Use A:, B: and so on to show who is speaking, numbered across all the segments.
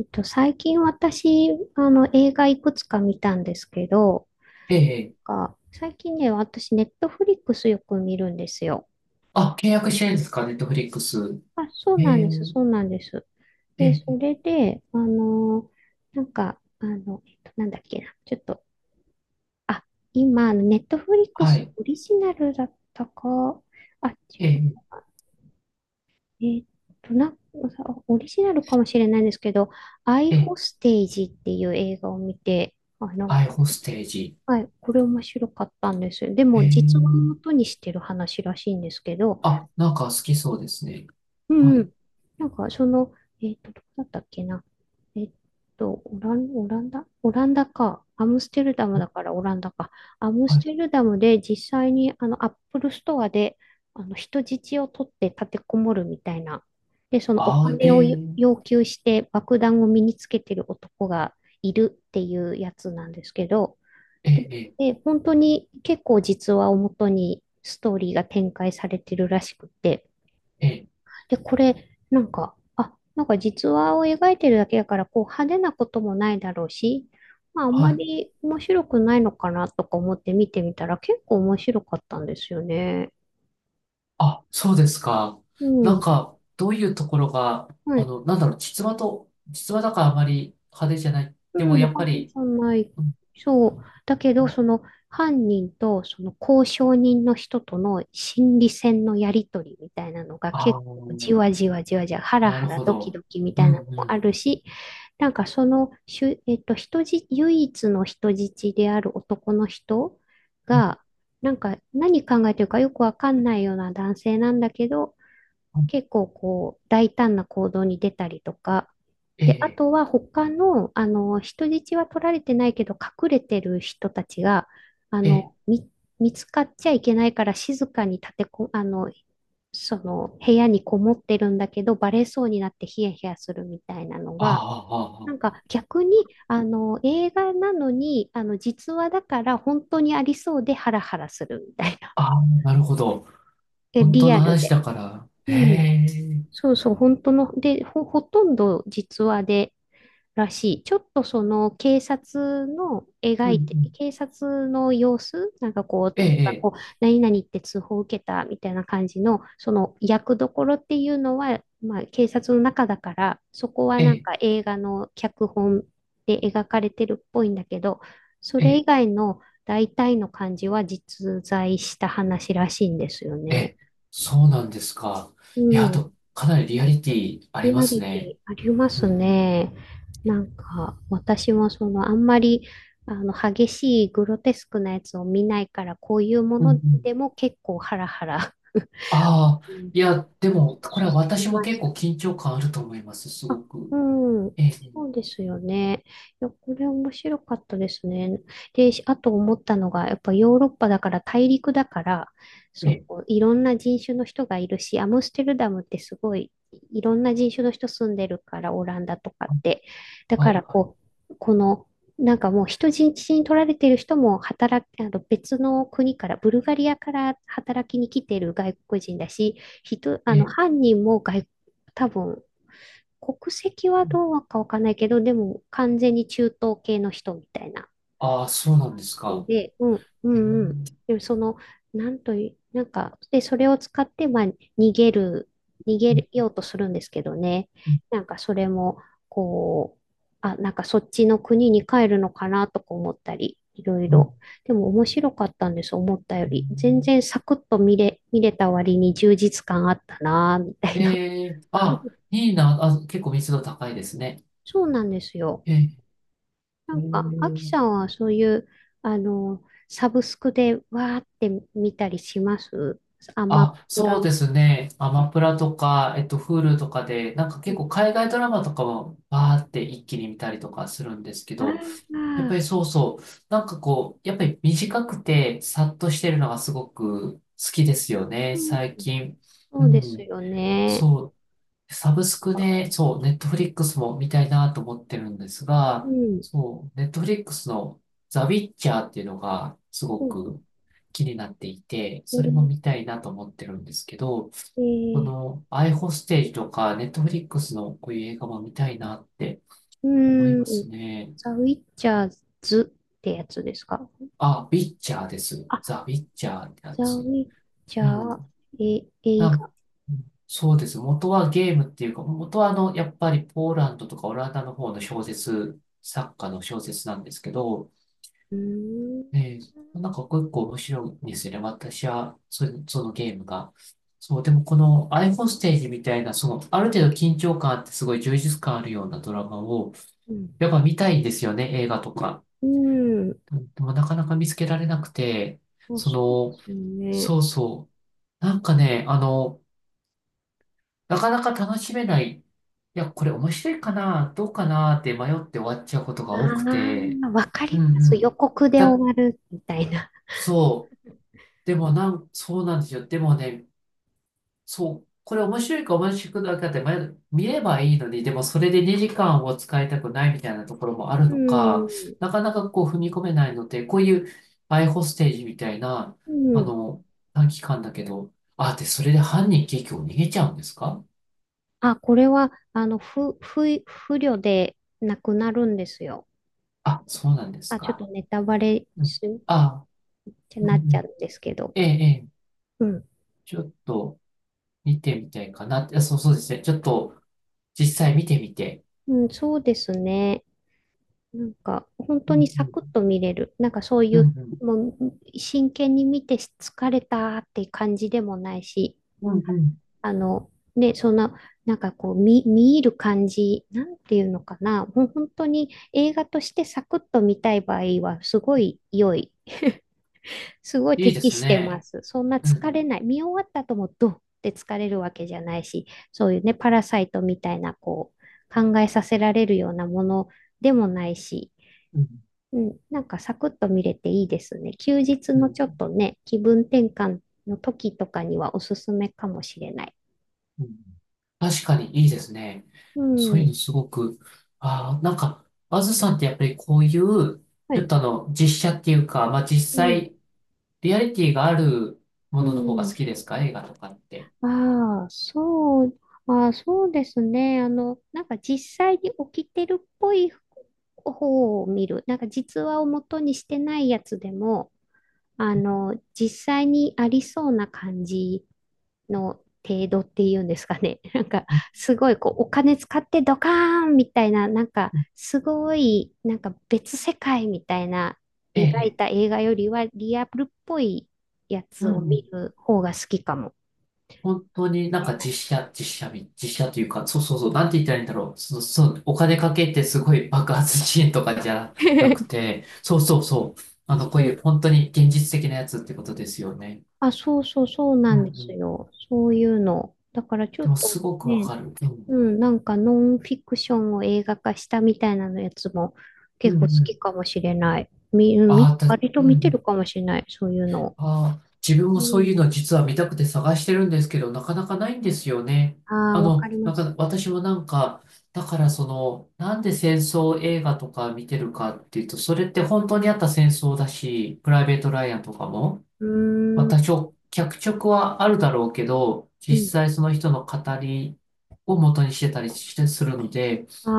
A: 最近私、映画いくつか見たんですけど、
B: ええ。
A: なんか最近ね、私、ネットフリックスよく見るんですよ。
B: あ、契約してるんですか、ネットフリックス。
A: あ、そう
B: え
A: なん
B: え、
A: です、そうなんです。
B: え
A: で、そ
B: え、
A: れで、あのなんか、なんだっけな、ちょっと、あ、今、ネットフリック
B: は
A: ス
B: い。
A: オリジナルだったか、あ、違
B: え
A: う、
B: え、
A: えっと、な、オリジナルかもしれないんですけど、アイ
B: ええ、
A: ホステージっていう映画を見て、あ、なん
B: アイホステージ。
A: はい、これ面白かったんです。で
B: え
A: も、実話をも
B: え、
A: とにしてる話らしいんですけど、
B: あ、なんか好きそうですね。
A: う
B: は
A: んう
B: い、
A: ん。なんか、その、どこだったっけな。えっオランダオランダか。アムステルダムだからオランダか。アム
B: は
A: ス
B: い。
A: テルダムで実際に、アップルストアで、人質を取って立てこもるみたいな。で、そのお
B: あ、え
A: 金を
B: え、
A: 要求して爆弾を身につけてる男がいるっていうやつなんですけど、
B: え
A: で、
B: え、
A: で本当に結構実話をもとにストーリーが展開されてるらしくて、
B: ええ、
A: で、これ、なんか実話を描いてるだけだから、こう派手なこともないだろうし、まあ、あんま
B: はい。
A: り面白くないのかなとか思って見てみたら結構面白かったんですよね。
B: あ、そうですか。
A: う
B: なん
A: ん。
B: か、どういうところが、
A: はい。
B: なんだろう、実話と、実話だからあまり派手じゃない。でも、
A: うん、
B: やっぱ
A: 犯人じ
B: り、
A: ゃない。
B: うん、
A: そう。だけ
B: う
A: ど、
B: ん、
A: その犯人とその交渉人の人との心理戦のやりとりみたいなのが
B: ああ、
A: 結構じわじわじわじわ、ハラ
B: な
A: ハ
B: る
A: ラ
B: ほ
A: ドキ
B: ど。
A: ドキみ
B: う
A: たいなの
B: ん、
A: も
B: う
A: あ
B: ん。
A: るし、なんかそのしゅ、えっと、人じ、唯一の人質である男の人
B: う
A: が、なんか何考えてるかよくわかんないような男性なんだけど、
B: ん、
A: 結構こう大胆な行動に出たりとか、
B: え
A: で、あ
B: え、
A: とは他の、人質は取られてないけど隠れてる人たちが、あ
B: ええ、
A: の、み、見つかっちゃいけないから静かに立てこ、あの、その部屋にこもってるんだけどバレそうになってヒヤヒヤするみたいなの
B: あ
A: が、
B: あ、ああ、
A: な
B: あ
A: ん
B: あ、
A: か逆に、映画なのに、実話だから本当にありそうでハラハラするみたいな。
B: ああ、なるほど。
A: え、
B: 本当
A: リ
B: の
A: アル
B: 話
A: で。
B: だから。
A: うん。
B: ええ、
A: そうそう、本当の、で、ほ、ほとんど実話で、らしい。ちょっとその
B: うん、うん。
A: 警察の様子、なんかこう、
B: え
A: 例えば
B: え、
A: こう、何々って通報を受けたみたいな感じの、その役どころっていうのは、まあ警察の中だから、そこは
B: え
A: なん
B: え、
A: か映画の脚本で描かれてるっぽいんだけど、そ
B: え
A: れ以
B: え、
A: 外の大体の感じは実在した話らしいんですよ
B: え
A: ね。
B: え、そうなんですか。
A: う
B: いや、あ
A: ん。
B: と、かなりリアリティあ
A: リ
B: りま
A: ア
B: す
A: リテ
B: ね。
A: ィありま
B: うん、
A: す
B: うん。
A: ね。なんか、私もその、あんまり、激しいグロテスクなやつを見ないから、こういうも
B: うん、う
A: の
B: ん。
A: でも結構ハラハラ
B: あ
A: う
B: あ、
A: ん
B: いや、でも、
A: し
B: これは私も
A: まし
B: 結
A: た。
B: 構緊張感あると思います、す
A: あ、
B: ご
A: う
B: く。
A: ん。
B: ええ、
A: そうですよね。いや、これ面白かったですね。で、しあと思ったのが、やっぱヨーロッパだから大陸だから、
B: え
A: そ
B: え、
A: ういろんな人種の人がいるし、アムステルダムってすごいいろんな人種の人住んでるから、オランダとかって。だ
B: は
A: か
B: い、
A: ら
B: は
A: こ
B: い。
A: う、この、なんかもう人質に取られてる人も働き、あの別の国から、ブルガリアから働きに来てる外国人だし、人、あ
B: え
A: の
B: え、
A: 犯人も多分国籍はどうかわかんないけど、でも完全に中東系の人みたいな
B: ああ、そうなんですか。
A: で、うん、う
B: ええ、
A: ん、うん。でもその、なんという、なんか、で、それを使って、まあ、逃げる、逃
B: うん、
A: げようとするんですけどね。
B: うん、
A: なんかそれも、こう、あ、なんかそっちの国に帰るのかなとか思ったり、いろいろ。
B: う
A: でも面白かったんです、思ったより。全
B: ん。
A: 然サクッと見れ、見れた割に充実感あったな、みた
B: え
A: いな。
B: え、ええ、あ、いいな。あ、結構密度高いですね。
A: そうなんですよ。
B: ええ、
A: な
B: え
A: んか、アキ
B: ー、
A: さんはそういう、サブスクでわーって見たりしますアマ
B: あ、
A: プ
B: そう
A: ラ。
B: ですね。アマプラとか、Hulu とかで、なんか
A: う
B: 結
A: ん、
B: 構海外ドラマとかもバーって一気に見たりとかするんですけ
A: あ
B: ど、やっぱ
A: あ、
B: りそうそう、なんかこう、やっぱり短くてさっとしてるのがすごく好きですよね、
A: うん、
B: 最近。う
A: そうです
B: ん、
A: よね。
B: そう。サブスク
A: あ
B: で、そう、ネットフリックスも見たいなと思ってるんです
A: う
B: が、
A: ん。
B: そう、ネットフリックスのザ・ウィッチャーっていうのがすご
A: そうで
B: く気になっていて、
A: す
B: それも
A: ね。
B: 見たいなと思ってるんですけど、
A: え
B: こ
A: ー、
B: のアイホステージとかネットフリックスのこういう映画も見たいなって
A: う
B: 思いま
A: ー
B: す
A: ん。
B: ね。
A: ザ・ウィッチャーズってやつですか
B: あ、ウィッチャーです。
A: あ、
B: ザ・ウィッチャーってや
A: ザ・ウ
B: つ。
A: ィッチ
B: う
A: ャ
B: ん。
A: ー、え、映
B: あ、
A: 画。
B: うん、そうです。元はゲームっていうか、元はやっぱりポーランドとかオランダの方の小説、作家の小説なんですけど、
A: うーん。
B: えー、なんか結構面白いんですよね。私は、それ、そのゲームが。そう、でもこのアイフォステージみたいな、その、ある程度緊張感あってすごい充実感あるようなドラマを、
A: うん。
B: やっぱ見たいんですよね、映画とか。
A: うん。
B: うん、でもなかなか見つけられなくて、
A: あ、
B: そ
A: そうで
B: の、
A: すよね。
B: そうそう。なんかね、なかなか楽しめない。いや、これ面白いかな、どうかなって迷って終わっちゃうことが
A: あ
B: 多くて。
A: あ、わか
B: うん、
A: りま
B: う
A: す。予
B: ん。
A: 告で終
B: だ、
A: わるみたいな。
B: そう。でもなん、そうなんですよ。でもね、そう。これ面白いか面白くないかって迷う見ればいいのに、でもそれで2時間を使いたくないみたいなところもある
A: う
B: のか、
A: ん。
B: なかなかこう踏み込めないので、こういうアイホステージみたいな、
A: う
B: あ
A: ん。
B: の、短期間だけど、あ、で、それで犯人結局逃げちゃうんですか？
A: あ、これは、あの、不慮でなくなるんですよ。
B: あ、そうなんです
A: あ、ちょっ
B: か。
A: とネタバレ
B: うん。
A: し、っ
B: あ、
A: て
B: うん、う
A: なっちゃう
B: ん。
A: んですけど。
B: ええ、ええ。
A: うん。
B: ちょっと見てみたいかなって。あ、そう、そうですね。ちょっと実際見てみて。
A: うん、そうですね。なんか、本
B: う
A: 当
B: ん、
A: に
B: う
A: サクッ
B: ん。
A: と見れる。なんかそうい
B: うん、
A: う、
B: うん。
A: もう、真剣に見て疲れたって感じでもないし、
B: うん、うん。
A: あの、ね、そんな、なんかこう、見入る感じ、なんていうのかな。本当に映画としてサクッと見たい場合は、すごい良い。すごい
B: いいで
A: 適
B: す
A: してま
B: ね。
A: す。そんな
B: うん、う
A: 疲れ
B: ん。
A: ない。見終わった後もドンって疲れるわけじゃないし、そういうね、パラサイトみたいな、こう、考えさせられるようなものでもないし、
B: うん、
A: うん、なんかサクッと見れていいですね。休日
B: うん。う
A: のちょっと
B: ん、
A: ね、気分転換の時とかにはおすすめかもしれない。
B: うん、確かにいいですね。
A: う
B: そういう
A: ん。
B: のすごく。ああ、なんか、あずさんってやっぱりこういう、
A: は
B: ちょっ
A: い
B: と実写っていうか、まあ実
A: うん
B: 際、リアリティがあるも
A: う
B: のの方が好
A: ん。
B: きですか、映画とかって。
A: ああ、そう、ああ、そうですね。なんか実際に起きてるっぽい方を見る。なんか実話を元にしてないやつでも、実際にありそうな感じの程度っていうんですかね。なんか、
B: うん、
A: すごいこう、お金使ってドカーンみたいな、なんか、
B: うん、
A: すごい、なんか別世界みたいな
B: ええ、え
A: 描い
B: え。
A: た映画よりはリアルっぽいやつ
B: う
A: を
B: ん、う
A: 見
B: ん、
A: る方が好きかも
B: 本当に
A: し
B: なん
A: れ
B: か
A: ない。
B: 実写、実写み、実写というか、そうそうそう、なんて言ったらいいんだろう。そう、そう、お金かけてすごい爆発シーンとかじゃなく て、そうそうそう。こう
A: そ
B: いう
A: う。
B: 本当に現実的なやつってことですよね。
A: あ、そうそうそう
B: う
A: な
B: ん、
A: ん
B: う
A: です
B: ん。
A: よ。そういうの。だからちょ
B: で
A: っ
B: もす
A: と
B: ごくわ
A: ね、
B: かる。う
A: う
B: ん。
A: ん、なんかノンフィクションを映画化したみたいなのやつも
B: うん、
A: 結
B: う
A: 構好
B: ん。
A: きかもしれない。み、うん
B: あ
A: み、
B: あ、た、
A: 割と
B: うん、う
A: 見てる
B: ん。
A: かもしれない、そういうのを。
B: ああ、自分
A: う
B: もそう
A: ん。
B: いうの実は見たくて探してるんですけど、なかなかないんですよね。
A: ああ、わかりま
B: なん
A: す。
B: か私もなんか、だからその、なんで戦争映画とか見てるかっていうと、それって本当にあった戦争だし、プライベート・ライアンとかも、
A: う
B: ま
A: ーん。
B: は脚色はあるだろうけど、
A: う
B: 実
A: ん。
B: 際その人の語りを元にしてたりしてするので、
A: あ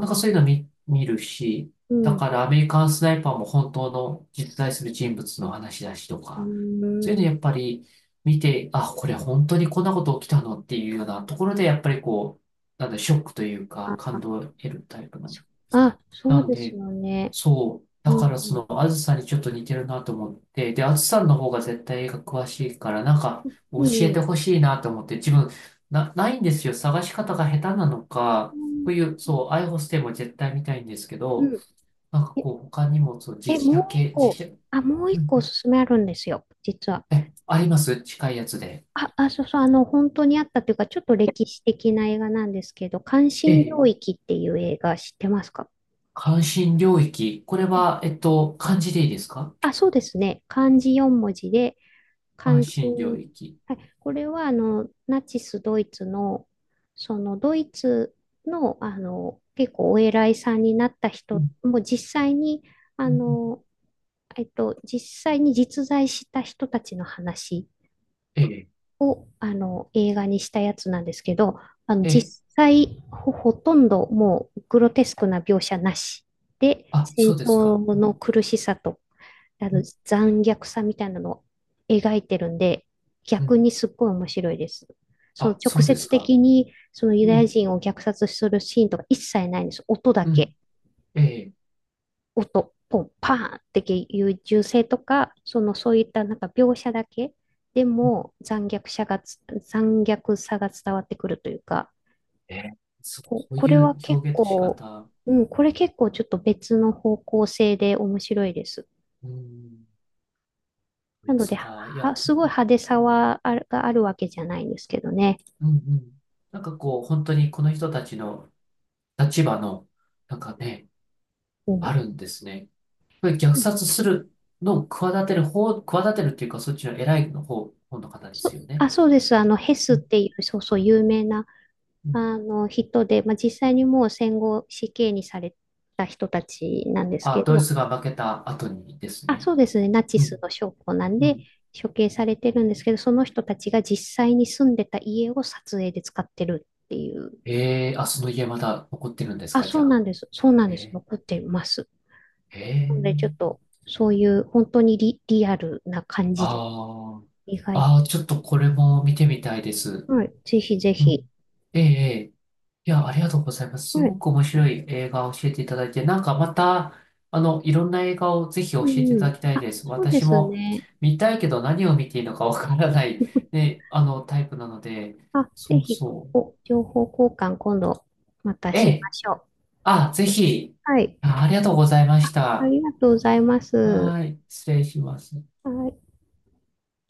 B: なん
A: あ、
B: かそういうの見、見るし、
A: う
B: だ
A: ん。
B: からアメリカンスナイパーも本当の実在する人物の話だしと
A: うー
B: か、そういう
A: ん。
B: のやっぱり見て、あ、これ本当にこんなこと起きたのっていうようなところで、やっぱりこう、なんだ、ショックというか
A: あ
B: 感
A: あ、
B: 動を得るタイプなの。
A: そ、あ、そう
B: なん
A: です
B: で、
A: よね。
B: そう。
A: う
B: だ
A: ん、
B: からそ
A: う
B: の、あずさにちょっと似てるなと思って、で、あずさんの方が絶対映画詳しいから、なんか教
A: ん。いい
B: えて
A: よ。
B: ほしいなと思って、自分、な、ないんですよ。探し方が下手なの
A: う
B: か、
A: ん。
B: こういう、そう、アイホステイも絶対見たいんですけ
A: う
B: ど、
A: ん
B: なんか
A: え、
B: こう、他にも、そう、実写
A: もう一
B: 系、
A: 個。
B: 実写、
A: あ、もう
B: うん、う
A: 一個おす
B: ん。
A: すめあるんですよ、実は。
B: え、あります近いやつで。
A: そうそう、あの、本当にあったというか、ちょっと歴史的な映画なんですけど、関
B: え
A: 心領
B: え、
A: 域っていう映画知ってますか
B: 関心領域。これは、漢字でいいですか？
A: あ、そうですね。漢字四文字で、
B: 関
A: 関心。
B: 心領域。
A: はい、これは、あの、ナチスドイツの、その、ドイツの、あの、結構お偉いさんになった
B: う
A: 人
B: ん、
A: もう実際に、あ
B: うん、うん、
A: の、実際に実在した人たちの話
B: ええ、
A: を、あの、映画にしたやつなんですけど、あの、
B: ええ、
A: 実際、ほとんどもうグロテスクな描写なしで、
B: あ、
A: 戦
B: そうですか。
A: 争の苦しさと、あ
B: う
A: の、
B: ん、
A: 残虐さみたいなのを描いてるんで、
B: う
A: 逆
B: ん、
A: にすっごい面白いです。その
B: あ、そ
A: 直
B: うです
A: 接
B: か。
A: 的に、そのユダ
B: う
A: ヤ
B: ん、
A: 人を虐殺するシーンとか一切ないんです。音だ
B: う
A: け。
B: ん、ええ、
A: 音、ポン、パーンっていう銃声とか、そのそういったなんか描写だけでも残虐さが伝わってくるというか、
B: ええ、そ、そう
A: こ
B: い
A: れは
B: う
A: 結
B: 表現の仕
A: 構、
B: 方、
A: うん、これ結構ちょっと別の方向性で面白いです。
B: うん、ド
A: な
B: イ
A: の
B: ツ
A: で、
B: か、い
A: は、
B: や、
A: すごい派手さはある、があるわけじゃないんですけどね。
B: うん、うん。なんかこう、本当にこの人たちの立場の、なんかね、
A: う
B: あ
A: ん。
B: るんですね。これ虐殺するのを企てる方、企てるっていうか、そっちの偉いの方、方の方で
A: そ、
B: すよ
A: あ、
B: ね。
A: そうです。あの、ヘス
B: う
A: っ
B: ん、
A: ていう、そうそう、有名な、
B: うん。
A: あの、人で、まあ、実際にもう戦後死刑にされた人たちなんです
B: あ、
A: け
B: ドイ
A: ど、
B: ツが負けた後にです
A: あ、
B: ね。
A: そうですね。ナチ
B: うん、
A: スの将校なん
B: う
A: で、
B: ん。
A: 処刑されてるんですけど、その人たちが実際に住んでた家を撮影で使ってるっていう。
B: ええ、あ、その家まだ残ってるんです
A: あ、
B: か、じ
A: そう
B: ゃ
A: な
B: あ。
A: んです。そうなん
B: え
A: です。
B: え、
A: 残ってます。
B: え
A: なので、ち
B: え。
A: ょっと、そういう本当にリアルな感じで、
B: ああ。
A: 意外
B: ああ、ちょっとこれも見てみたいです。
A: と。はい。ぜひぜ
B: う
A: ひ。
B: ん。ええ、ええ。いや、ありがとうございます。す
A: は
B: ご
A: い。
B: く面白い映画を教えていただいて、なんかまた、いろんな映画をぜひ教
A: う
B: えて
A: ん
B: い
A: う
B: た
A: ん。
B: だきたい
A: あ、
B: です。
A: そうで
B: 私
A: す
B: も
A: ね。
B: 見たいけど何を見ていいのかわからない、ね、タイプなので、
A: あ、ぜ
B: そう
A: ひ、
B: そう。
A: お、情報交換今度また
B: え
A: し
B: え、
A: ましょう。
B: あ、ぜひ。
A: はい。
B: あ、ありがとうございまし
A: あ
B: た。
A: りがとうございます。
B: はい、失礼します。
A: はい。